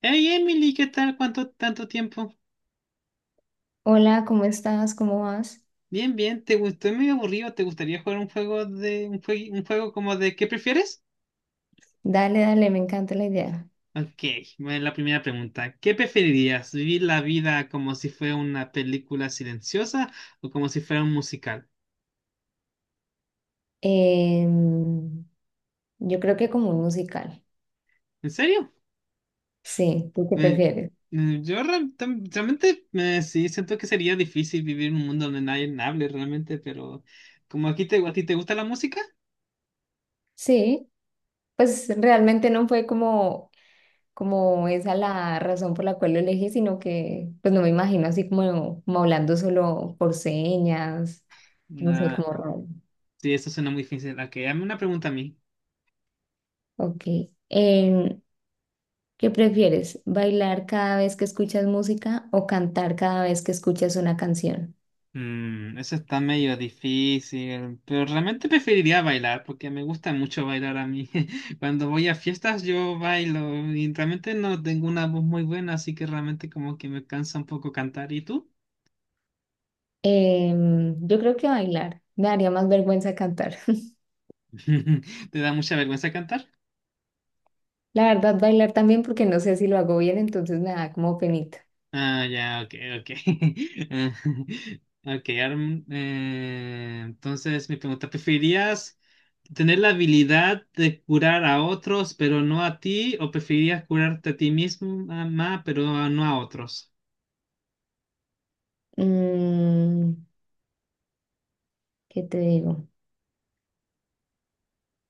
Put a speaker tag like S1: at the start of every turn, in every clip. S1: Hey Emily, ¿qué tal? ¿Cuánto tanto tiempo?
S2: Hola, ¿cómo estás? ¿Cómo vas?
S1: Bien, bien, ¿te gustó? Es medio aburrido. ¿Te gustaría jugar un juego de un juego como de ¿qué prefieres?
S2: Dale, dale, me encanta la idea.
S1: Ok, bueno, la primera pregunta. ¿Qué preferirías? ¿Vivir la vida como si fuera una película silenciosa o como si fuera un musical?
S2: Em, yo creo que como un musical.
S1: ¿En serio?
S2: Sí, ¿tú qué
S1: Me-
S2: prefieres?
S1: Realmente sí siento que sería difícil vivir en un mundo donde nadie hable realmente, pero como aquí a ti te gusta la música,
S2: Sí, pues realmente no fue como esa la razón por la cual lo elegí, sino que pues no me imagino así como hablando solo por señas, no sé,
S1: nah,
S2: como raro.
S1: sí, eso suena muy difícil. Ok, dame una pregunta a mí.
S2: Ok. Em, ¿Qué prefieres? ¿Bailar cada vez que escuchas música o cantar cada vez que escuchas una canción?
S1: Mm, eso está medio difícil, pero realmente preferiría bailar porque me gusta mucho bailar a mí. Cuando voy a fiestas yo bailo y realmente no tengo una voz muy buena, así que realmente como que me cansa un poco cantar. ¿Y tú?
S2: Yo creo que bailar. Me daría más vergüenza cantar.
S1: ¿Te da mucha vergüenza?
S2: La verdad, bailar también porque no sé si lo hago bien, entonces me da como penita.
S1: Ah, ya, ok, ok. Ah, ok, entonces mi pregunta, ¿preferirías tener la habilidad de curar a otros, pero no a ti? ¿O preferirías curarte a ti mismo, mamá, pero no a otros?
S2: Mm, ¿qué te digo?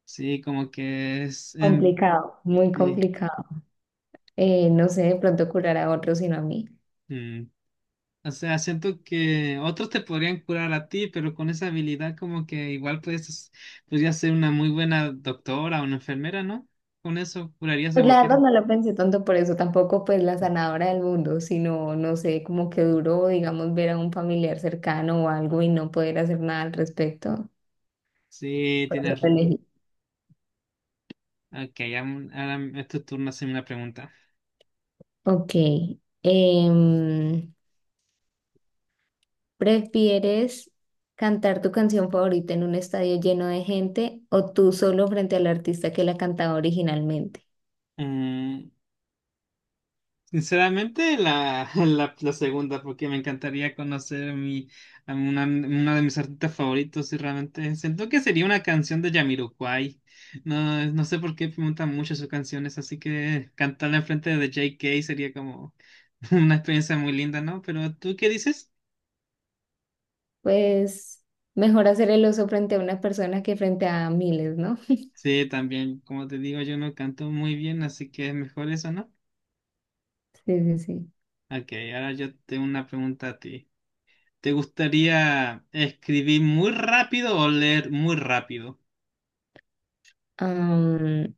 S1: Sí, como que
S2: Complicado, muy
S1: sí,
S2: complicado. No sé, de pronto curar a otros, sino a mí.
S1: mm. O sea, siento que otros te podrían curar a ti, pero con esa habilidad como que igual podrías ser una muy buena doctora o una enfermera, ¿no? Con eso curarías a
S2: Pues la verdad
S1: cualquiera.
S2: no lo pensé tanto por eso, tampoco pues la sanadora del mundo, sino, no sé, como que duro, digamos, ver a un familiar cercano o algo y no poder hacer nada al respecto.
S1: Sí,
S2: Por eso
S1: tienes...
S2: lo elegí.
S1: Ok, ahora es tu turno hacerme una pregunta.
S2: Ok. em, ¿Prefieres cantar tu canción favorita en un estadio lleno de gente o tú solo frente al artista que la cantaba originalmente?
S1: Mm, sinceramente, la segunda, porque me encantaría conocer a una, uno de mis artistas favoritos y realmente siento que sería una canción de Jamiroquai. No, no sé por qué preguntan mucho sus canciones, así que cantarla enfrente de JK sería como una experiencia muy linda, ¿no? Pero ¿tú qué dices?
S2: Pues mejor hacer el oso frente a una persona que frente a miles, ¿no?
S1: Sí, también, como te digo, yo no canto muy bien, así que es mejor eso, ¿no?
S2: Sí, sí, sí.
S1: Ok, ahora yo tengo una pregunta a ti. ¿Te gustaría escribir muy rápido o leer muy rápido?
S2: Am,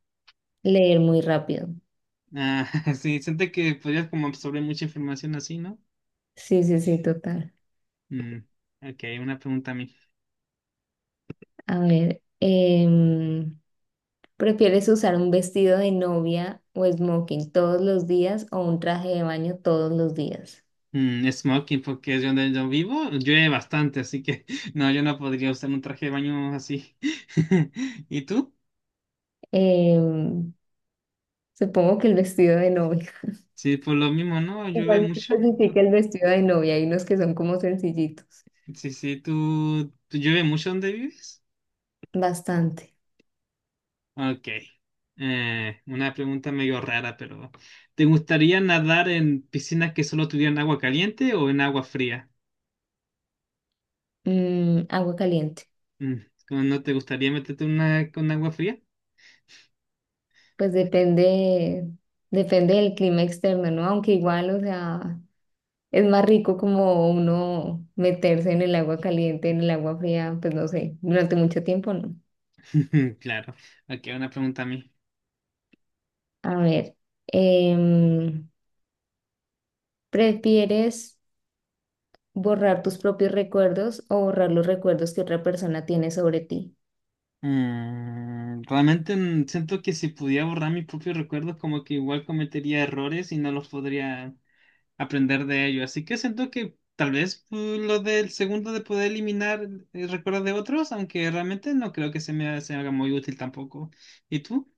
S2: Leer muy rápido.
S1: Ah, sí, siente que podrías como absorber mucha información así, ¿no?
S2: Sí, sí, sí, total.
S1: Mm, ok, una pregunta a mí.
S2: A ver, ¿prefieres usar un vestido de novia o smoking todos los días o un traje de baño todos los días?
S1: Mm, smoking, porque es donde yo vivo, llueve bastante, así que no, yo no podría usar un traje de baño así. ¿Y tú?
S2: Em, Supongo que el vestido de novia.
S1: Sí, por lo mismo, ¿no? ¿Llueve
S2: Igual me
S1: mucho?
S2: especifica el vestido de novia y los que son como sencillitos.
S1: Sí, sí, tú llueve mucho donde vives?
S2: Bastante.
S1: Ok. Una pregunta medio rara, pero ¿te gustaría nadar en piscinas que solo tuvieran agua caliente o en agua fría?
S2: Mm, agua caliente.
S1: Mm, ¿cómo? ¿No te gustaría meterte en una con agua fría?
S2: Pues depende, depende del clima externo, ¿no? Aunque igual, o sea, es más rico como uno meterse en el agua caliente, en el agua fría, pues no sé, durante mucho tiempo, ¿no?
S1: Claro. Ok, una pregunta a mí.
S2: A ver, em, ¿prefieres borrar tus propios recuerdos o borrar los recuerdos que otra persona tiene sobre ti?
S1: Siento que si pudiera borrar mis propios recuerdos, como que igual cometería errores y no los podría aprender de ello. Así que siento que tal vez lo del segundo de poder eliminar recuerdos de otros, aunque realmente no creo que se me haga muy útil tampoco. ¿Y tú?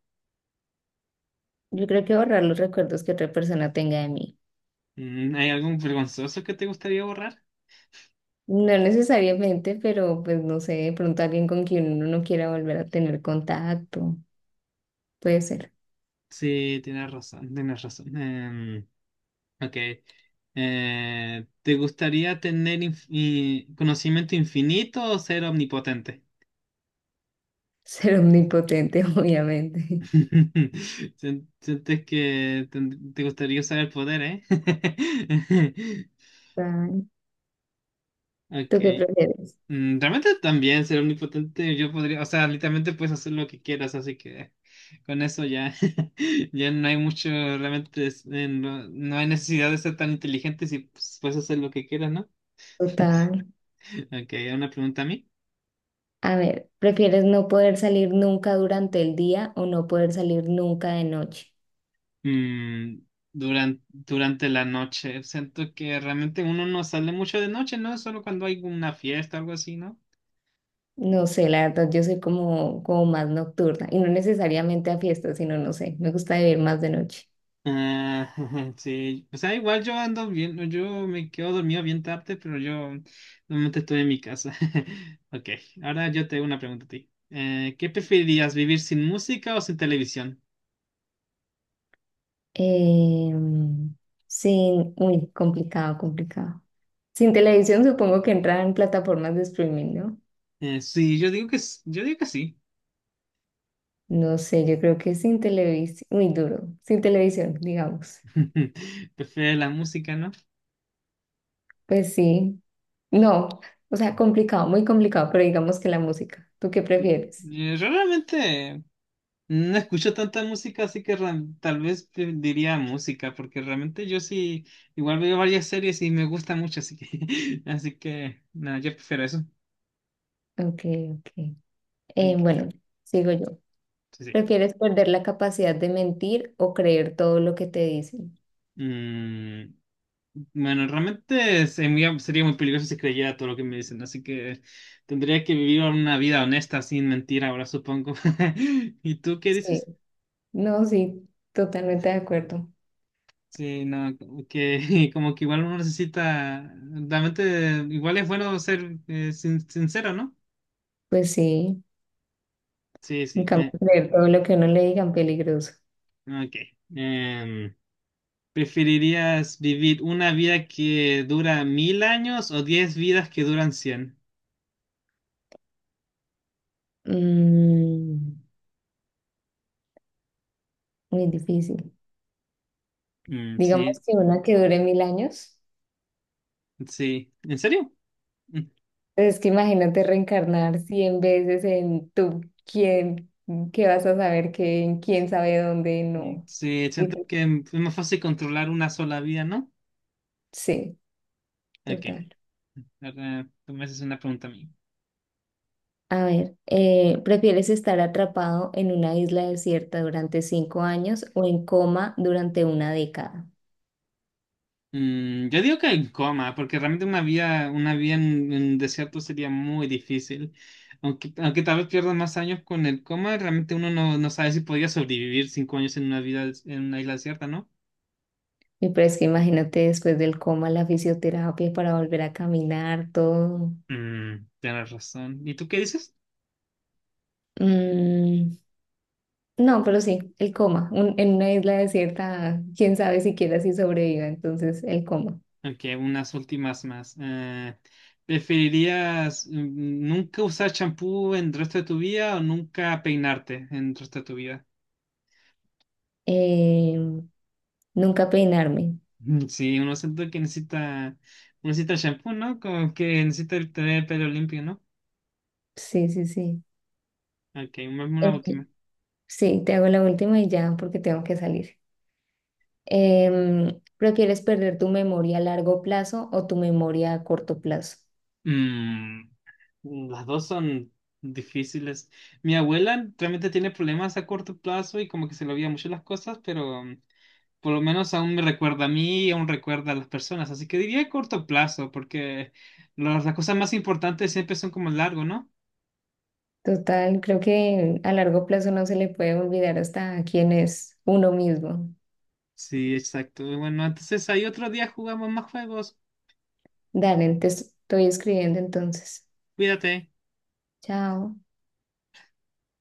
S2: Yo creo que borrar los recuerdos que otra persona tenga de mí.
S1: Mm, ¿hay algún vergonzoso que te gustaría borrar?
S2: No necesariamente, pero pues no sé, de pronto alguien con quien uno no quiera volver a tener contacto. Puede ser.
S1: Sí, tienes razón, tienes razón. Em, ok. ¿Te gustaría tener conocimiento infinito o ser omnipotente?
S2: Ser omnipotente, obviamente.
S1: Sientes que te gustaría usar el poder, ¿eh?
S2: Total.
S1: Ok.
S2: ¿Tú qué prefieres?
S1: Mm, realmente también ser omnipotente, yo podría, o sea, literalmente puedes hacer lo que quieras, así que con eso ya, ya no hay mucho, realmente no hay necesidad de ser tan inteligente si pues, puedes hacer lo que quieras, ¿no?
S2: Total.
S1: Ok, una pregunta a mí.
S2: A ver, ¿prefieres no poder salir nunca durante el día o no poder salir nunca de noche?
S1: Durante la noche, siento que realmente uno no sale mucho de noche, ¿no? Solo cuando hay una fiesta o algo así, ¿no?
S2: No sé, la verdad, yo soy como más nocturna y no necesariamente a fiestas, sino no sé, me gusta vivir más de noche.
S1: Ah, sí, o sea, igual yo ando bien, yo me quedo dormido bien tarde, pero yo normalmente estoy en mi casa. Ok, ahora yo te hago una pregunta a ti. ¿Qué preferirías, vivir sin música o sin televisión?
S2: Em, sí, muy complicado, complicado. Sin televisión supongo que entrarán plataformas de streaming, ¿no?
S1: Sí, yo digo que, yo digo que sí.
S2: No sé, yo creo que sin televisión, muy duro, sin televisión, digamos.
S1: Prefiero la música, ¿no?
S2: Pues sí, no, o sea, complicado, muy complicado, pero digamos que la música. ¿Tú qué
S1: Sí.
S2: prefieres?
S1: Realmente no escucho tanta música, así que tal vez te diría música, porque realmente yo sí, igual veo varias series y me gusta mucho, así que, así que, no, yo prefiero eso.
S2: Ok, ok.
S1: Ok,
S2: Bueno, sigo yo.
S1: sí, sí.
S2: ¿Prefieres perder la capacidad de mentir o creer todo lo que te dicen?
S1: Mm, bueno, realmente sería muy peligroso si creyera todo lo que me dicen, así que tendría que vivir una vida honesta, sin mentir ahora, supongo. ¿Y tú qué
S2: Sí,
S1: dices?
S2: no, sí, totalmente de acuerdo.
S1: Sí, no, como que como que igual uno necesita, realmente igual es bueno ser sincero, ¿no?
S2: Pues sí,
S1: Sí,
S2: en
S1: sí.
S2: cambio,
S1: Eh,
S2: creer todo lo que uno le digan peligroso.
S1: ok. Em, ¿preferirías vivir una vida que dura 1000 años o 10 vidas que duran cien?
S2: Mm, muy difícil.
S1: Mm,
S2: Digamos
S1: sí,
S2: que una que dure 1000 años.
S1: sí. ¿En serio? Mm,
S2: Entonces, es que imagínate reencarnar 100 veces en tú, quién, qué vas a saber, qué en quién sabe dónde,
S1: mm,
S2: no.
S1: sí, siento
S2: Digo,
S1: que es más fácil controlar una sola vida, ¿no?
S2: sí,
S1: Ok.
S2: total.
S1: Ahora, tú me haces una pregunta a mí.
S2: A ver, ¿prefieres estar atrapado en una isla desierta durante 5 años o en coma durante una década?
S1: Mm, yo digo que en coma, porque realmente una vida en desierto sería muy difícil. Aunque, aunque tal vez pierdas más años con el coma, realmente uno no, no sabe si podría sobrevivir 5 años en una vida en una isla desierta, ¿no?
S2: Y pero es que imagínate después del coma, la fisioterapia para volver a caminar, todo.
S1: Mm, tienes razón. ¿Y tú qué dices?
S2: Mm, no, pero sí, el coma. En una isla desierta, quién sabe siquiera si sobreviva, entonces el coma.
S1: Ok, unas últimas más. ¿Preferirías nunca usar champú en el resto de tu vida o nunca peinarte en el resto de tu vida?
S2: Eh, nunca peinarme.
S1: Mm, sí, uno siente que necesita, uno necesita shampoo, ¿no? Como que necesita el tener el pelo limpio, ¿no?
S2: Sí, sí, sí.
S1: Ok, vamos a
S2: Eh,
S1: la última.
S2: sí, te hago la última y ya, porque tengo que salir. Em, ¿prefieres perder tu memoria a largo plazo o tu memoria a corto plazo?
S1: Mm, las dos son difíciles. Mi abuela realmente tiene problemas a corto plazo y como que se le olvida mucho las cosas, pero mm, por lo menos aún me recuerda a mí y aún recuerda a las personas. Así que diría corto plazo, porque las cosas más importantes siempre son como largo, ¿no?
S2: Total, creo que a largo plazo no se le puede olvidar hasta quién es uno mismo.
S1: Sí, exacto. Bueno, entonces ahí otro día jugamos más juegos.
S2: Dale, te estoy escribiendo entonces.
S1: Cuídate.
S2: Chao.